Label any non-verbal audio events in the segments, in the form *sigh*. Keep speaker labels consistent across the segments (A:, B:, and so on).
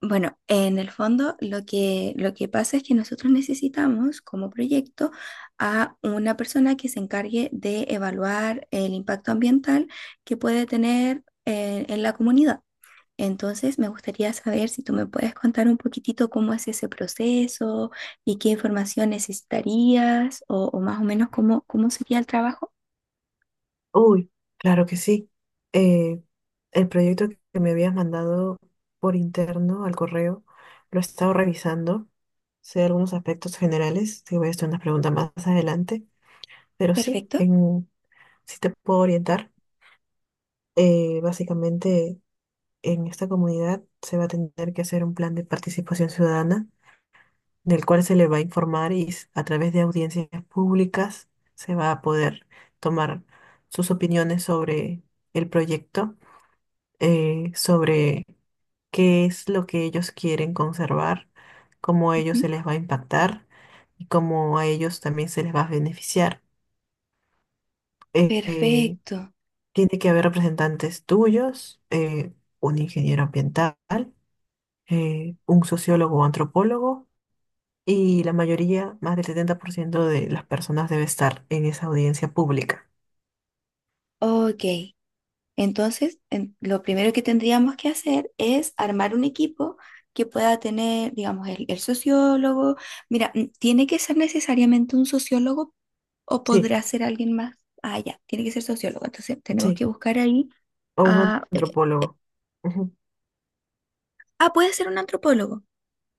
A: Bueno, en el fondo lo que pasa es que nosotros necesitamos como proyecto a una persona que se encargue de evaluar el impacto ambiental que puede tener en la comunidad. Entonces, me gustaría saber si tú me puedes contar un poquitito cómo es ese proceso y qué información necesitarías o más o menos cómo sería el trabajo.
B: Uy, claro que sí. Eh, el proyecto que me habías mandado por interno al correo lo he estado revisando. Sé algunos aspectos generales, te voy a hacer unas preguntas más adelante, pero
A: Perfecto.
B: sí te puedo orientar. Básicamente, en esta comunidad se va a tener que hacer un plan de participación ciudadana, del cual se le va a informar y a través de audiencias públicas se va a poder tomar sus opiniones sobre el proyecto, sobre qué es lo que ellos quieren conservar, cómo a ellos se
A: Ujú.
B: les va a impactar y cómo a ellos también se les va a beneficiar. Eh, eh,
A: Perfecto.
B: Tiene que haber representantes tuyos, un ingeniero ambiental, un sociólogo o antropólogo, y la mayoría, más del 70% de las personas debe estar en esa audiencia pública.
A: Ok. Entonces, lo primero que tendríamos que hacer es armar un equipo que pueda tener, digamos, el sociólogo. Mira, ¿tiene que ser necesariamente un sociólogo o
B: Sí,
A: podrá ser alguien más? Ah, ya, tiene que ser sociólogo. Entonces, tenemos
B: sí,
A: que buscar ahí
B: o un
A: a... eh,
B: antropólogo.
A: ah, puede ser un antropólogo.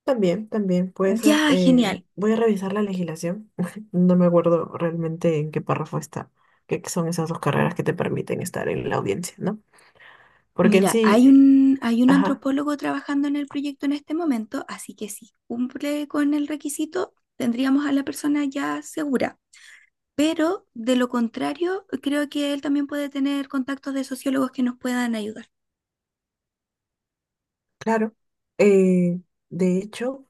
B: También puede ser.
A: Ya, genial.
B: Voy a revisar la legislación. *laughs* No me acuerdo realmente en qué párrafo está, qué son esas dos carreras que te permiten estar en la audiencia, ¿no? Porque en
A: Mira,
B: sí,
A: hay un
B: ajá,
A: antropólogo trabajando en el proyecto en este momento, así que si cumple con el requisito, tendríamos a la persona ya segura. Pero de lo contrario, creo que él también puede tener contactos de sociólogos que nos puedan ayudar.
B: claro. eh, de hecho,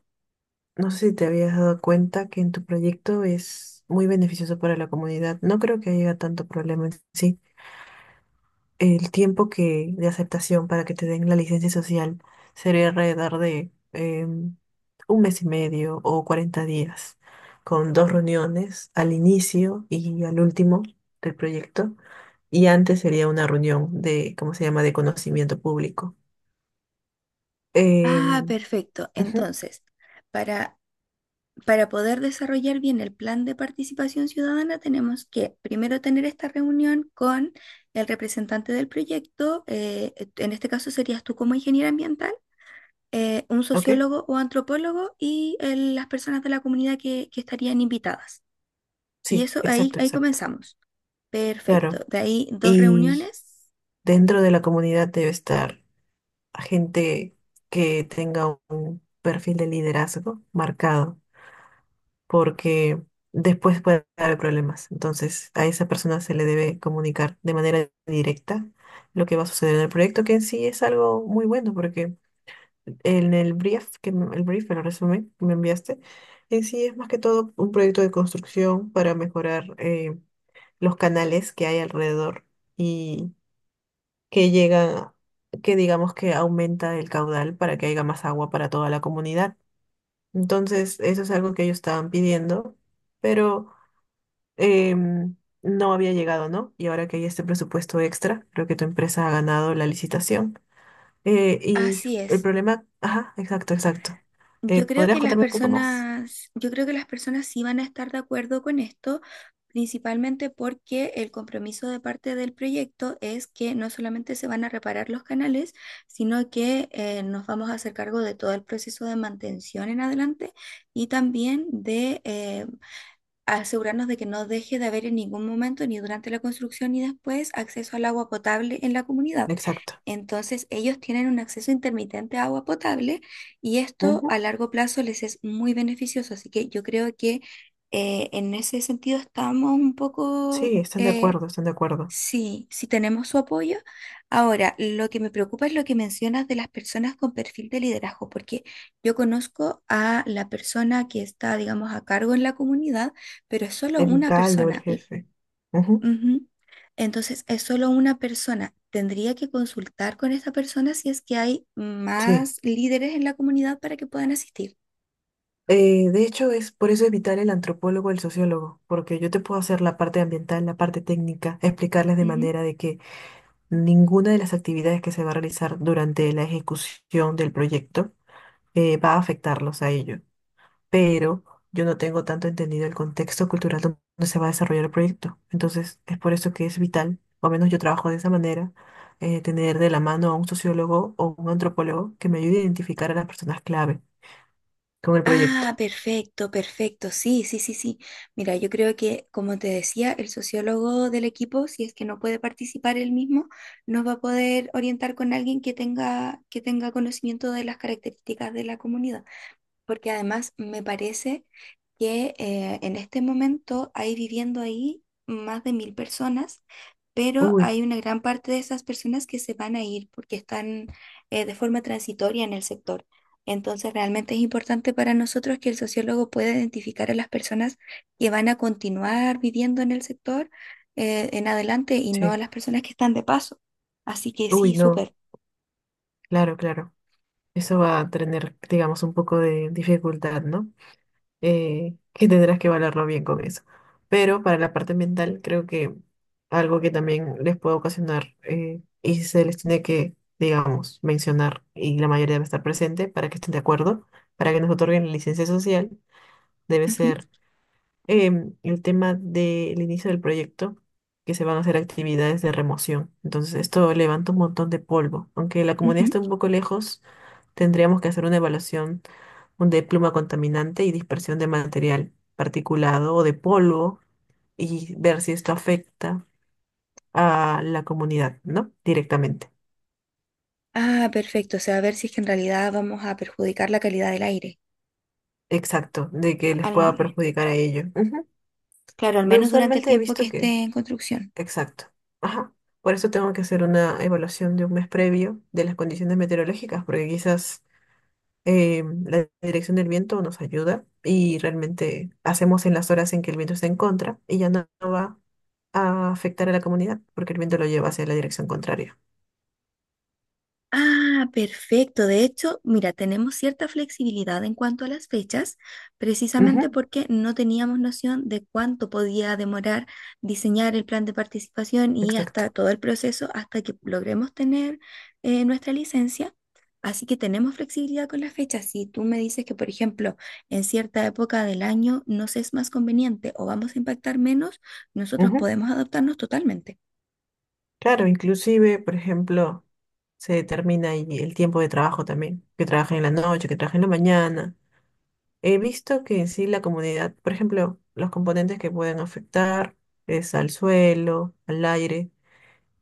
B: no sé si te habías dado cuenta que en tu proyecto es muy beneficioso para la comunidad. No creo que haya tanto problema en sí. El tiempo que de aceptación para que te den la licencia social sería alrededor de un mes y medio o 40 días, con dos reuniones al inicio y al último del proyecto, y antes sería una reunión de, ¿cómo se llama?, de conocimiento público.
A: Ah,
B: Em,
A: perfecto.
B: ujú,
A: Entonces, para, para poder desarrollar bien el plan de participación ciudadana, tenemos que primero tener esta reunión con el representante del proyecto, en este caso serías tú como ingeniera ambiental, un
B: ¿ok?
A: sociólogo o antropólogo y las personas de la comunidad que estarían invitadas. Y
B: Sí,
A: eso
B: exacto,
A: ahí
B: exacto.
A: comenzamos.
B: Claro.
A: Perfecto. De ahí dos
B: Y
A: reuniones.
B: dentro de la comunidad debe estar gente que tenga un perfil de liderazgo marcado, porque después puede haber problemas. Entonces, a esa persona se le debe comunicar de manera directa lo que va a suceder en el proyecto, que en sí es algo muy bueno, porque en el brief, el resumen que me enviaste, en sí es más que todo un proyecto de construcción para mejorar, los canales que hay alrededor y que llegan, que digamos que aumenta el caudal para que haya más agua para toda la comunidad. Entonces, eso es algo que ellos estaban pidiendo, pero em, no había llegado, ¿no? Y ahora que hay este presupuesto extra, creo que tu empresa ha ganado la licitación. Y
A: Así
B: el
A: es.
B: problema, ajá, exacto, exacto. ¿Podrías contarme un poco más?
A: Yo creo que las personas sí van a estar de acuerdo con esto, principalmente porque el compromiso de parte del proyecto es que no solamente se van a reparar los canales, sino que nos vamos a hacer cargo de todo el proceso de mantención en adelante y también de asegurarnos de que no deje de haber en ningún momento, ni durante la construcción ni después, acceso al agua potable en la comunidad.
B: Exacto.
A: Entonces, ellos tienen un acceso intermitente a agua potable y esto
B: Ujú.
A: a largo plazo les es muy beneficioso. Así que yo creo que en ese sentido estamos un poco,
B: Sí, están de acuerdo, están de acuerdo.
A: sí, sí tenemos su apoyo. Ahora, lo que me preocupa es lo que mencionas de las personas con perfil de liderazgo, porque yo conozco a la persona que está, digamos, a cargo en la comunidad, pero es solo
B: El
A: una
B: alcalde o el
A: persona.
B: jefe. Ujú,
A: Ujú. Entonces, es solo una persona. Tendría que consultar con esa persona si es que hay
B: sí.
A: más líderes en la comunidad para que puedan asistir.
B: De hecho, es por eso es vital el antropólogo o el sociólogo, porque yo te puedo hacer la parte ambiental, la parte técnica, explicarles de
A: Ujú.
B: manera de que ninguna de las actividades que se va a realizar durante la ejecución del proyecto va a afectarlos a ellos, pero yo no tengo tanto entendido el contexto cultural donde se va a desarrollar el proyecto. Entonces, es por eso que es vital, o al menos yo trabajo de esa manera, tener de la mano a un sociólogo o un antropólogo que me ayude a identificar a las personas clave con el
A: Ah,
B: proyecto.
A: perfecto, perfecto. Sí, sí, sí, sí. Mira, yo creo que, como te decía, el sociólogo del equipo, si es que no puede participar él mismo, nos va a poder orientar con alguien que tenga conocimiento de las características de la comunidad. Porque además me parece que en este momento hay viviendo ahí más de 1000 personas, pero
B: Uy,
A: hay una gran parte de esas personas que se van a ir porque están de forma transitoria en el sector. Entonces, realmente es importante para nosotros que el sociólogo pueda identificar a las personas que van a continuar viviendo en el sector en adelante y no a
B: sí.
A: las personas que están de paso. Así que
B: Uy,
A: sí,
B: no.
A: súper.
B: Claro, claro. Eso va a tener, digamos, un poco de dificultad, ¿no? Que tendrás que valorarlo bien con eso. Pero para la parte ambiental, creo que algo que también les puede ocasionar, y se les tiene que, digamos, mencionar y la mayoría debe estar presente para que estén de acuerdo, para que nos otorguen la licencia social, debe
A: Ujú,
B: ser el tema del inicio del proyecto, que se van a hacer actividades de remoción. Entonces, esto levanta un montón de polvo. Aunque la comunidad esté
A: ujú.
B: un poco lejos, tendríamos que hacer una evaluación un de pluma contaminante y dispersión de material particulado o de polvo y ver si esto afecta a la comunidad, ¿no? Directamente.
A: Ah, perfecto. O sea, a ver si es que en realidad vamos a perjudicar la calidad del aire.
B: Exacto, de que les pueda
A: Al-
B: perjudicar a ello. Ujú.
A: claro, al
B: Ve,
A: menos durante el
B: usualmente he
A: tiempo que
B: visto que
A: esté en construcción.
B: exacto. Ajá. Por eso tengo que hacer una evaluación de un mes previo de las condiciones meteorológicas, porque quizás la dirección del viento nos ayuda y realmente hacemos en las horas en que el viento está en contra y ya no, no va a afectar a la comunidad, porque el viento lo lleva hacia la dirección contraria.
A: Ah, perfecto. De hecho, mira, tenemos cierta flexibilidad en cuanto a las fechas, precisamente
B: Ujú,
A: porque no teníamos noción de cuánto podía demorar diseñar el plan de participación y hasta
B: exacto.
A: todo el proceso hasta que logremos tener nuestra licencia. Así que tenemos flexibilidad con las fechas. Si tú me dices que, por ejemplo, en cierta época del año nos es más conveniente o vamos a impactar menos, nosotros
B: Ujú.
A: podemos adaptarnos totalmente.
B: Claro, inclusive, por ejemplo, se determina ahí el tiempo de trabajo también, que trabajen en la noche, que trabajen en la mañana. He visto que en sí la comunidad, por ejemplo, los componentes que pueden afectar es al suelo, al aire,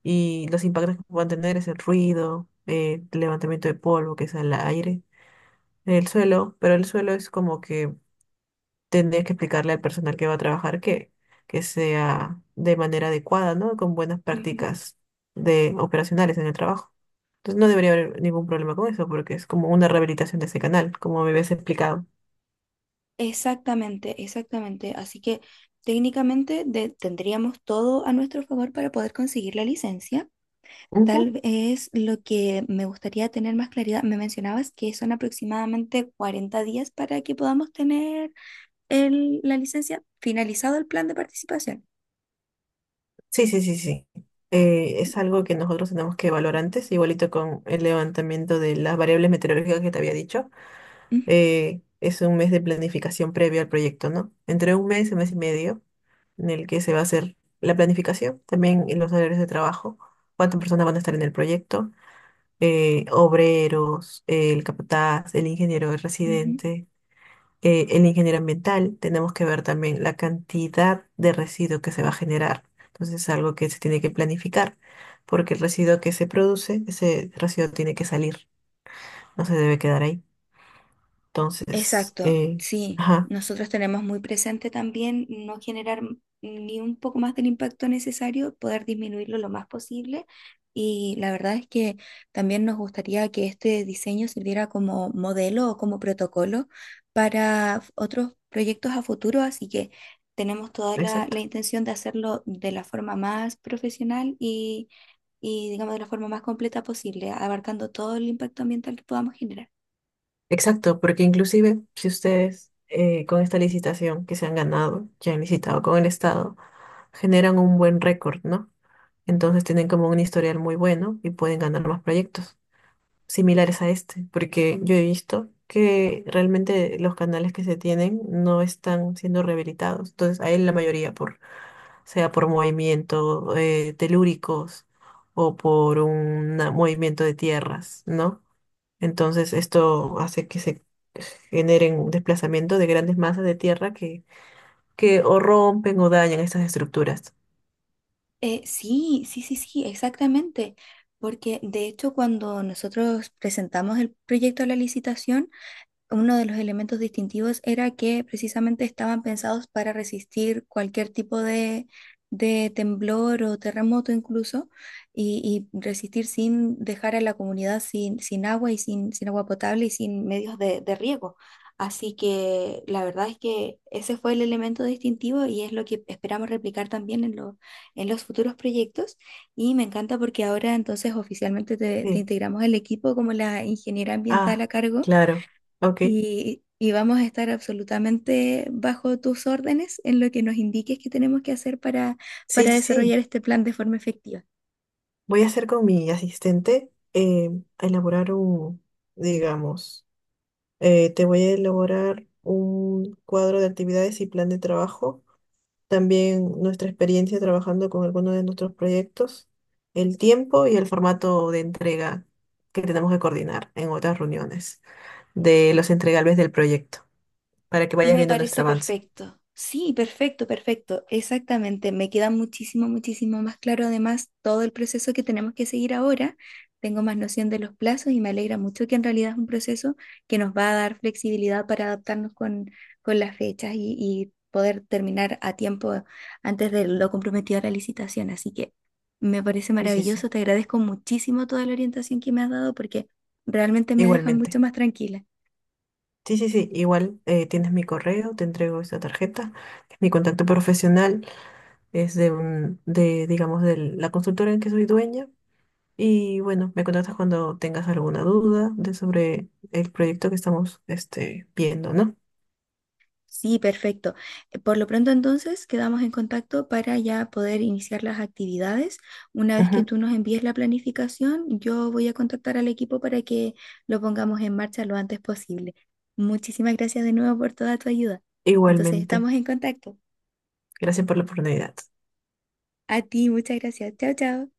B: y los impactos que puedan tener es el ruido, el levantamiento de polvo, que es al aire, el suelo, pero el suelo es como que tendrías que explicarle al personal que va a trabajar que sea de manera adecuada, ¿no? Con buenas prácticas de operacionales en el trabajo. Entonces no debería haber ningún problema con eso, porque es como una rehabilitación de ese canal, como me habías explicado.
A: Exactamente, exactamente. Así que técnicamente tendríamos todo a nuestro favor para poder conseguir la licencia. Tal vez lo que me gustaría tener más claridad, me mencionabas que son aproximadamente 40 días para que podamos tener la licencia finalizado el plan de participación.
B: Sí, sí, sí, sí. Es algo que nosotros tenemos que evaluar antes, igualito con el levantamiento de las variables meteorológicas que te había dicho.
A: Ujú,
B: Es un mes de planificación previo al proyecto, ¿no? Entre un mes y medio en el que se va a hacer la planificación, también en los horarios de trabajo, cuántas personas van a estar en el proyecto, obreros, el capataz, el ingeniero, el
A: ujú.
B: residente, el ingeniero ambiental, tenemos que ver también la cantidad de residuo que se va a generar. Entonces es algo que se tiene que planificar, porque el residuo que se produce, ese residuo tiene que salir, no se debe quedar ahí. Entonces,
A: Exacto,
B: eh,
A: sí,
B: ajá,
A: nosotros tenemos muy presente también no generar ni un poco más del impacto necesario, poder disminuirlo lo más posible. Y la verdad es que también nos gustaría que este diseño sirviera como modelo o como protocolo para otros proyectos a futuro, así que tenemos toda la,
B: exacto.
A: la intención de hacerlo de la forma más profesional y digamos de la forma más completa posible, abarcando todo el impacto ambiental que podamos generar.
B: Exacto, porque inclusive si ustedes, con esta licitación que se han ganado, ya han licitado con el Estado, generan un buen récord, ¿no? Entonces tienen como un historial muy bueno y pueden ganar más proyectos similares a este, porque yo he visto que realmente los canales que se tienen no están siendo rehabilitados. Entonces, hay la mayoría por, sea por movimiento telúricos o por un movimiento de tierras, ¿no? Entonces, esto hace que se generen un desplazamiento de grandes masas de tierra que o rompen o dañan estas estructuras.
A: Sí, sí, sí, sí, exactamente. Porque de hecho cuando nosotros presentamos el proyecto a la licitación, uno de los elementos distintivos era que precisamente estaban pensados para resistir cualquier tipo de temblor o terremoto incluso, y resistir sin dejar a la comunidad sin agua y sin agua potable y sin medios de riego. Así que la verdad es que ese fue el elemento distintivo y es lo que esperamos replicar también en los futuros proyectos. Y me encanta porque ahora entonces oficialmente te
B: Sí.
A: integramos el equipo como la ingeniera ambiental
B: Ah,
A: a cargo
B: claro. Ok.
A: y vamos a estar absolutamente bajo tus órdenes en lo que nos indiques que tenemos que hacer
B: Sí,
A: para
B: sí, sí.
A: desarrollar este plan de forma efectiva.
B: Voy a hacer con mi asistente, a elaborar un, digamos, te voy a elaborar un cuadro de actividades y plan de trabajo. También nuestra experiencia trabajando con algunos de nuestros proyectos, el tiempo y el formato de entrega que tenemos que coordinar en otras reuniones de los entregables del proyecto, para que vayas
A: Me
B: viendo nuestro
A: parece
B: avance.
A: perfecto. Sí, perfecto, perfecto. Exactamente. Me queda muchísimo, muchísimo más claro además todo el proceso que tenemos que seguir ahora. Tengo más noción de los plazos y me alegra mucho que en realidad es un proceso que nos va a dar flexibilidad para adaptarnos con las fechas y poder terminar a tiempo antes de lo comprometido a la licitación. Así que me parece
B: Sí, sí, sí,
A: maravilloso. Te agradezco muchísimo toda la orientación que me has dado porque realmente me deja mucho
B: igualmente.
A: más tranquila.
B: Sí, sí, sí, igual, tienes mi correo, te entrego esta tarjeta, que es mi contacto profesional, es de, un, de digamos, de la consultora en que soy dueña. Y bueno, me contactas cuando tengas alguna duda de sobre el proyecto que estamos este, viendo, ¿no?
A: Sí, perfecto. Por lo pronto entonces quedamos en contacto para ya poder iniciar las actividades. Una vez que
B: Ujú.
A: tú nos envíes la planificación, yo voy a contactar al equipo para que lo pongamos en marcha lo antes posible. Muchísimas gracias de nuevo por toda tu ayuda. Entonces
B: Igualmente,
A: estamos en contacto.
B: gracias por la oportunidad.
A: A ti, muchas gracias. Chao, chao.